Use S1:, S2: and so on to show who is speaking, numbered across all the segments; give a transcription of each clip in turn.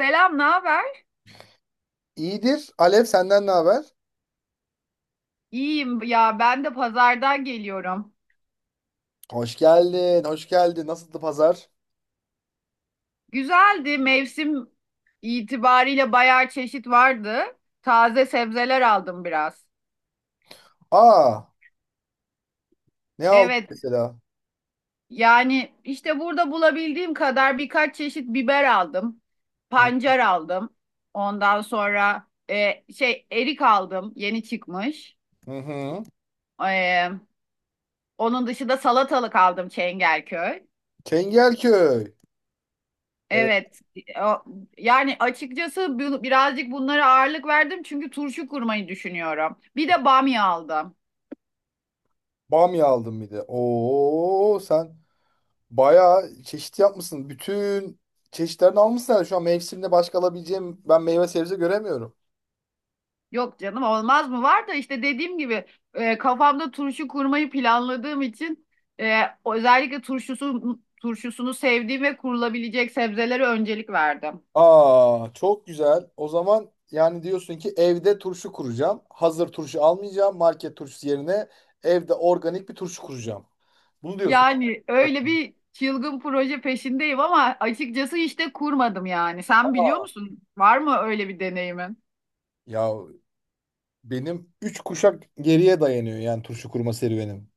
S1: Selam, ne haber?
S2: İyidir. Alev senden ne haber?
S1: İyiyim ya ben de pazardan geliyorum.
S2: Hoş geldin, hoş geldin. Nasıldı pazar?
S1: Güzeldi mevsim itibariyle bayağı çeşit vardı. Taze sebzeler aldım biraz.
S2: Aa, ne aldın
S1: Evet
S2: mesela?
S1: yani işte burada bulabildiğim kadar birkaç çeşit biber aldım.
S2: Hı
S1: Pancar aldım. Ondan sonra erik aldım yeni çıkmış.
S2: hı. Hı.
S1: E, Onun dışında salatalık aldım Çengelköy.
S2: Çengelköy. Evet,
S1: Evet. O- Yani açıkçası birazcık bunlara ağırlık verdim çünkü turşu kurmayı düşünüyorum. Bir de bamya aldım.
S2: bamya aldım bir de. Oo, sen bayağı çeşit yapmışsın. Bütün çeşitlerini almışsın herhalde. Şu an mevsimde başka alabileceğim ben meyve sebze göremiyorum.
S1: Yok canım olmaz mı? Var da işte dediğim gibi kafamda turşu kurmayı planladığım için e, özellikle turşusunu sevdiğim ve kurulabilecek sebzelere öncelik verdim.
S2: Aa, çok güzel. O zaman yani diyorsun ki evde turşu kuracağım. Hazır turşu almayacağım. Market turşusu yerine evde organik bir turşu kuracağım. Bunu diyorsun.
S1: Yani öyle bir çılgın proje peşindeyim ama açıkçası işte kurmadım yani. Sen biliyor
S2: Aa.
S1: musun? Var mı öyle bir deneyimin?
S2: Ya benim 3 kuşak geriye dayanıyor yani turşu kurma serüvenim.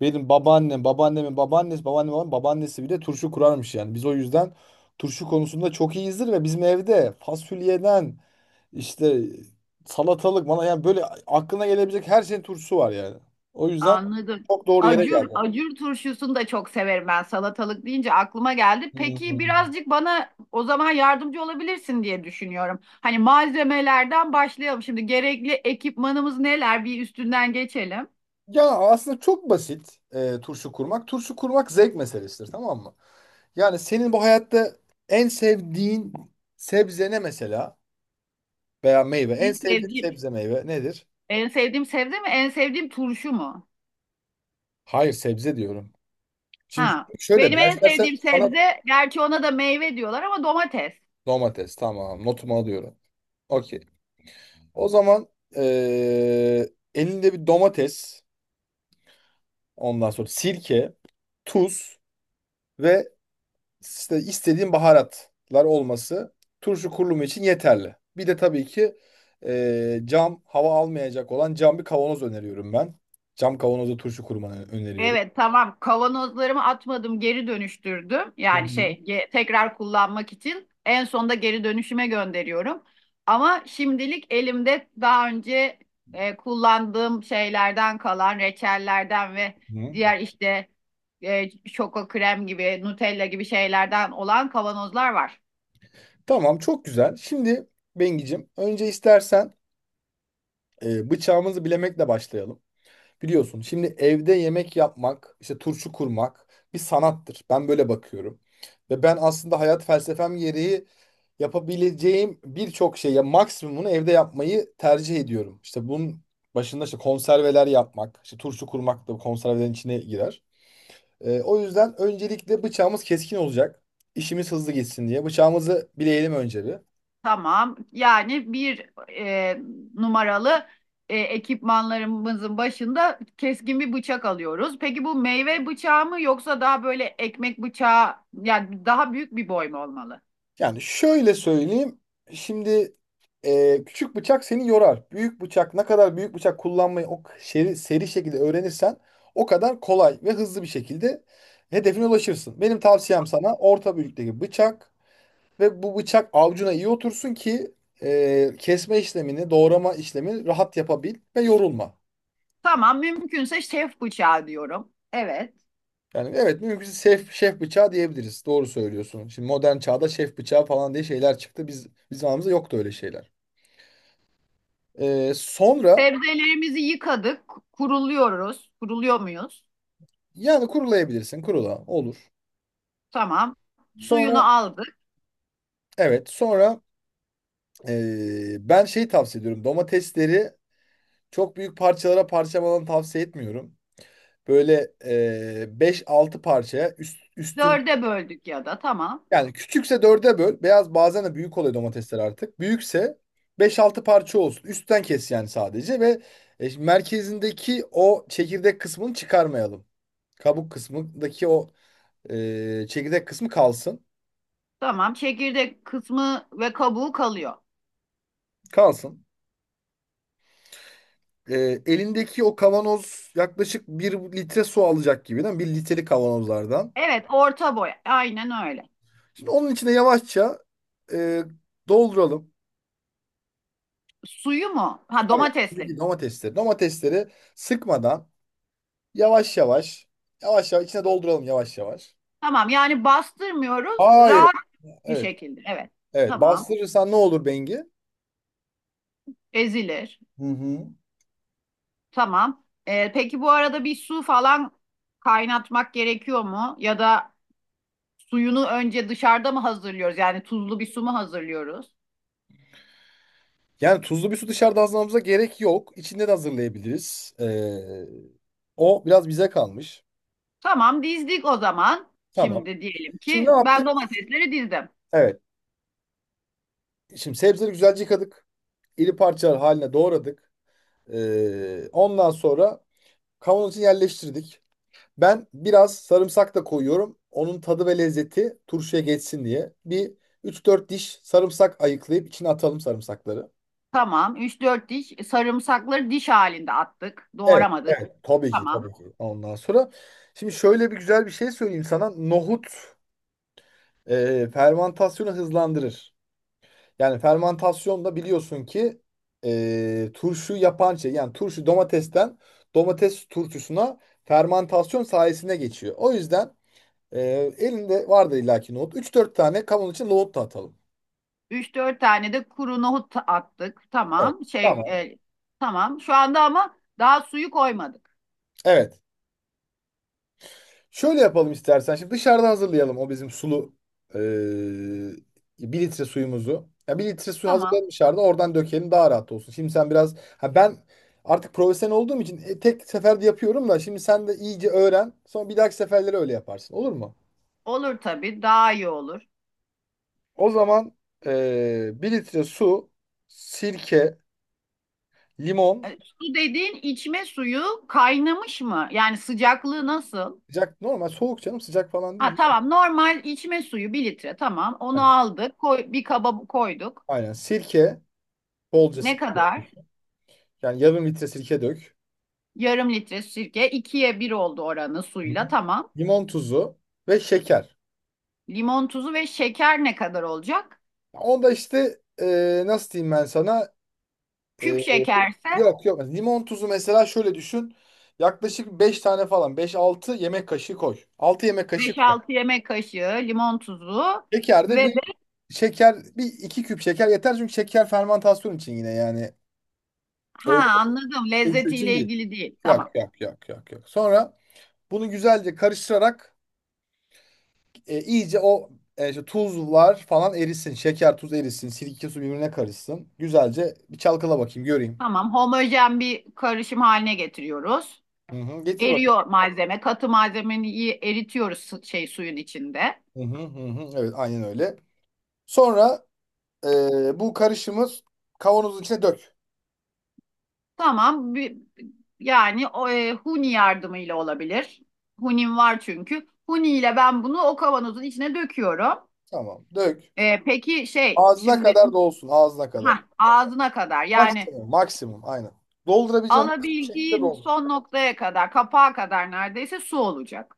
S2: Benim babaannem, babaannemin babaannesi, babaannemin babaannesi bile turşu kurarmış yani. Biz o yüzden turşu konusunda çok iyiyizdir ve bizim evde fasulyeden işte salatalık bana yani böyle aklına gelebilecek her şeyin turşusu var yani. O yüzden
S1: Anladım.
S2: çok doğru yere
S1: Acur,
S2: geldi.
S1: acur turşusunu da çok severim ben. Salatalık deyince aklıma geldi. Peki
S2: Hmm.
S1: birazcık bana o zaman yardımcı olabilirsin diye düşünüyorum. Hani malzemelerden başlayalım. Şimdi gerekli ekipmanımız neler? Bir üstünden geçelim.
S2: Ya aslında çok basit turşu kurmak. Turşu kurmak zevk meselesidir, tamam mı? Yani senin bu hayatta en sevdiğin sebze ne mesela? Veya meyve. En
S1: En
S2: sevdiğin
S1: sevdiğim,
S2: sebze meyve nedir?
S1: en sevdiğim sebze mi? En sevdiğim turşu mu?
S2: Hayır, sebze diyorum. Şimdi
S1: Ha.
S2: şöyle
S1: Benim
S2: ben
S1: en
S2: istersen
S1: sevdiğim
S2: sana
S1: sebze, gerçi ona da meyve diyorlar ama domates.
S2: domates, tamam, notumu alıyorum. Okey. O zaman eee, elinde bir domates, ondan sonra sirke, tuz ve işte istediğim baharatlar olması turşu kurulumu için yeterli. Bir de tabii ki cam, hava almayacak olan cam bir kavanoz öneriyorum ben. Cam kavanozda turşu kurmanı öneriyorum.
S1: Evet tamam kavanozlarımı atmadım geri dönüştürdüm.
S2: Hı
S1: Yani
S2: hı.
S1: tekrar kullanmak için en sonda geri dönüşüme gönderiyorum. Ama şimdilik elimde daha önce kullandığım şeylerden kalan reçellerden ve
S2: Hı.
S1: diğer işte şoko krem gibi Nutella gibi şeylerden olan kavanozlar var.
S2: Tamam, çok güzel. Şimdi Bengicim, önce istersen bıçağımızı bilemekle başlayalım. Biliyorsun, şimdi evde yemek yapmak, işte turşu kurmak bir sanattır. Ben böyle bakıyorum. Ve ben aslında hayat felsefem gereği yapabileceğim birçok şey, ya maksimumunu evde yapmayı tercih ediyorum. İşte bunun başında işte konserveler yapmak, işte turşu kurmak da bu konservelerin içine girer. O yüzden öncelikle bıçağımız keskin olacak. İşimiz hızlı gitsin diye. Bıçağımızı bileyelim önce bir.
S1: Tamam. Yani bir numaralı ekipmanlarımızın başında keskin bir bıçak alıyoruz. Peki bu meyve bıçağı mı yoksa daha böyle ekmek bıçağı yani daha büyük bir boy mu olmalı?
S2: Yani şöyle söyleyeyim. Şimdi küçük bıçak seni yorar. Büyük bıçak, ne kadar büyük bıçak kullanmayı o seri, seri şekilde öğrenirsen o kadar kolay ve hızlı bir şekilde hedefine ulaşırsın. Benim tavsiyem sana orta büyüklükteki bıçak ve bu bıçak avcuna iyi otursun ki kesme işlemini, doğrama işlemini rahat yapabil ve yorulma.
S1: Tamam, mümkünse şef bıçağı diyorum. Evet.
S2: Yani evet, mümkünse şef bıçağı diyebiliriz. Doğru söylüyorsun. Şimdi modern çağda şef bıçağı falan diye şeyler çıktı. Bizim zamanımızda yoktu öyle şeyler. Sonra.
S1: Sebzelerimizi yıkadık, kuruluyoruz. Kuruluyor muyuz?
S2: Yani kurulayabilirsin. Kurula. Olur.
S1: Tamam. Suyunu
S2: Sonra,
S1: aldık.
S2: evet. Sonra ben şey tavsiye ediyorum. Domatesleri çok büyük parçalara parçalamanı tavsiye etmiyorum. Böyle 5-6 parçaya üstün
S1: Dörde böldük ya da tamam.
S2: yani, küçükse dörde böl. Beyaz, bazen de büyük oluyor domatesler artık. Büyükse beş altı parça olsun. Üstten kes yani sadece ve şimdi merkezindeki o çekirdek kısmını çıkarmayalım. Kabuk kısmındaki o çekirdek kısmı kalsın.
S1: Tamam. Çekirdek kısmı ve kabuğu kalıyor.
S2: Kalsın. Elindeki o kavanoz yaklaşık 1 litre su alacak gibi değil mi? 1 litrelik kavanozlardan.
S1: Evet, orta boy. Aynen öyle.
S2: Şimdi onun içine yavaşça e, dolduralım.
S1: Suyu mu? Ha
S2: Evet.
S1: domatesleri.
S2: Elindeki domatesleri. Domatesleri sıkmadan yavaş yavaş, yavaş yavaş içine dolduralım yavaş yavaş.
S1: Tamam yani bastırmıyoruz.
S2: Hayır.
S1: Rahat bir
S2: Evet.
S1: şekilde. Evet.
S2: Evet.
S1: Tamam.
S2: Bastırırsan ne olur Bengi?
S1: Ezilir.
S2: Hı hı.
S1: Tamam. Peki bu arada bir su falan kaynatmak gerekiyor mu? Ya da suyunu önce dışarıda mı hazırlıyoruz? Yani tuzlu bir su mu hazırlıyoruz?
S2: Yani tuzlu bir su dışarıda hazırlamamıza gerek yok. İçinde de hazırlayabiliriz. O biraz bize kalmış.
S1: Tamam dizdik o zaman.
S2: Tamam.
S1: Şimdi diyelim
S2: Şimdi ne
S1: ki ben
S2: yaptık?
S1: domatesleri dizdim.
S2: Evet. Şimdi sebzeleri güzelce yıkadık. İri parçalar haline doğradık. Ondan sonra kavanozun için yerleştirdik. Ben biraz sarımsak da koyuyorum. Onun tadı ve lezzeti turşuya geçsin diye. Bir üç dört diş sarımsak ayıklayıp içine atalım sarımsakları.
S1: Tamam. Üç dört diş sarımsakları diş halinde attık.
S2: Evet,
S1: Doğramadık.
S2: evet. Tabii ki,
S1: Tamam.
S2: tabii ki. Ondan sonra şimdi şöyle bir güzel bir şey söyleyeyim sana. Nohut fermentasyonu hızlandırır. Yani fermantasyon da biliyorsun ki turşu yapan şey, yani turşu domatesten domates turşusuna fermantasyon sayesinde geçiyor. O yüzden e, elinde vardır illaki nohut. Üç dört tane kavanoz için nohut da atalım.
S1: Üç dört tane de kuru nohut attık.
S2: Evet.
S1: Tamam. Şey
S2: Tamam.
S1: e, tamam. Şu anda ama daha suyu koymadık.
S2: Evet. Şöyle yapalım istersen. Şimdi dışarıda hazırlayalım o bizim sulu eee 1 litre suyumuzu. Ya 1 litre su
S1: Tamam.
S2: hazırlayalım dışarıda, oradan dökelim daha rahat olsun. Şimdi sen biraz ha, ben artık profesyonel olduğum için tek seferde yapıyorum da şimdi sen de iyice öğren. Sonra bir dahaki seferleri öyle yaparsın, olur mu?
S1: Olur tabii. Daha iyi olur.
S2: O zaman 1 litre su, sirke, limon.
S1: Su dediğin içme suyu kaynamış mı? Yani sıcaklığı nasıl?
S2: Sıcak normal soğuk canım, sıcak falan
S1: Ha
S2: değil.
S1: tamam. Normal içme suyu bir litre. Tamam. Onu
S2: Aynen.
S1: aldık. Koy, bir kaba koyduk.
S2: Aynen. Sirke, bolca
S1: Ne
S2: sirke.
S1: kadar?
S2: Yani yarım litre sirke dök.
S1: Yarım litre sirke. İkiye bir oldu oranı
S2: Hı.
S1: suyla.
S2: Hı.
S1: Tamam.
S2: Limon tuzu ve şeker.
S1: Limon tuzu ve şeker ne kadar olacak?
S2: Onda işte nasıl diyeyim ben sana? E,
S1: Küp şekerse.
S2: yok yok. Limon tuzu mesela, şöyle düşün. Yaklaşık 5 tane falan. Beş altı yemek kaşığı koy. Altı yemek kaşığı
S1: Beş
S2: koy.
S1: altı yemek kaşığı limon tuzu
S2: Şeker de
S1: ve de.
S2: bir, şeker bir iki küp şeker yeter çünkü şeker fermantasyon için, yine yani
S1: Ha,
S2: öyle
S1: anladım,
S2: bir şey için
S1: lezzetiyle
S2: değil.
S1: ilgili değil.
S2: Yok
S1: Tamam.
S2: yok yok yok yok. Sonra bunu güzelce karıştırarak, iyice o işte tuzlar falan erisin. Şeker, tuz erisin. Sirke su birbirine karışsın. Güzelce bir çalkala bakayım, göreyim.
S1: Tamam. Homojen bir karışım haline getiriyoruz.
S2: Hı hı, getir
S1: Eriyor
S2: bakalım.
S1: malzeme. Katı malzemeyi iyi eritiyoruz suyun içinde.
S2: Hı hı, hı hı. Evet, aynen öyle. Sonra bu karışımı kavanozun içine dök.
S1: Tamam. Yani o, huni yardımıyla olabilir. Hunim var çünkü. Huni ile ben bunu o kavanozun içine döküyorum.
S2: Tamam, dök.
S1: Peki
S2: Ağzına
S1: şimdi
S2: kadar dolsun, ağzına kadar.
S1: ha, ağzına kadar, yani
S2: Maksimum, maksimum, aynen. Doldurabileceğim maksimum şekilde
S1: alabildiğin
S2: doldur.
S1: son noktaya kadar, kapağa kadar neredeyse su olacak.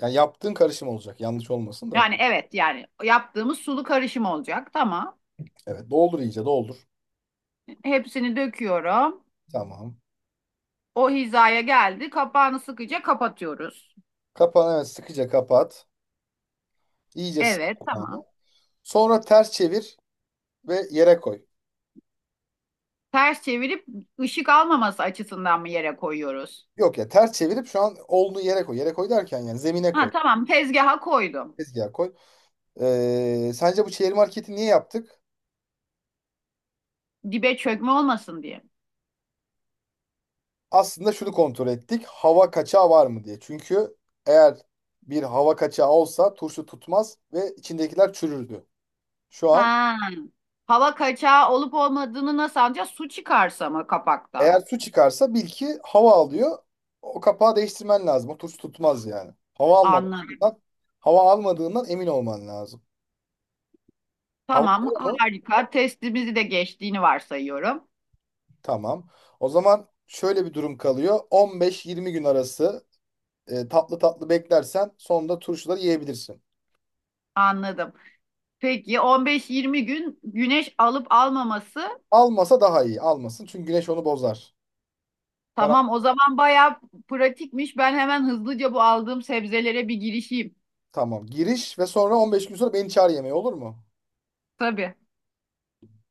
S2: Yani yaptığın karışım olacak, yanlış olmasın da.
S1: Yani evet yani yaptığımız sulu karışım olacak. Tamam.
S2: Evet, doldur iyice doldur.
S1: Hepsini döküyorum.
S2: Tamam.
S1: O hizaya geldi. Kapağını sıkıca kapatıyoruz.
S2: Kapan, evet, sıkıca kapat. İyice sık
S1: Evet
S2: kapağını.
S1: tamam.
S2: Sonra ters çevir ve yere koy.
S1: Ters çevirip ışık almaması açısından mı yere koyuyoruz?
S2: Yok ya, ters çevirip şu an olunu yere koy. Yere koy derken yani zemine
S1: Ha
S2: koy.
S1: tamam tezgaha koydum.
S2: Tezgaha koy. Sence bu çevir marketi niye yaptık?
S1: Dibe çökme olmasın diye.
S2: Aslında şunu kontrol ettik. Hava kaçağı var mı diye. Çünkü eğer bir hava kaçağı olsa turşu tutmaz ve içindekiler çürürdü. Şu an
S1: Ha. Hava kaçağı olup olmadığını nasıl anlayacağız? Su çıkarsa mı kapakta?
S2: eğer su çıkarsa bil ki hava alıyor. O kapağı değiştirmen lazım. O turşu tutmaz yani. Hava
S1: Anladım.
S2: almamasından, hava almadığından emin olman lazım. Hava
S1: Tamam,
S2: alıyor mu?
S1: harika. Testimizi de geçtiğini varsayıyorum.
S2: Tamam. O zaman şöyle bir durum kalıyor. 15-20 gün arası tatlı tatlı beklersen sonunda turşuları yiyebilirsin.
S1: Anladım. Peki 15-20 gün güneş alıp almaması.
S2: Almasa daha iyi. Almasın çünkü güneş onu bozar. Karan-
S1: Tamam, o zaman bayağı pratikmiş. Ben hemen hızlıca bu aldığım sebzelere bir girişeyim.
S2: Tamam. Giriş ve sonra 15 gün sonra beni çağır yemeğe, olur mu?
S1: Tabii.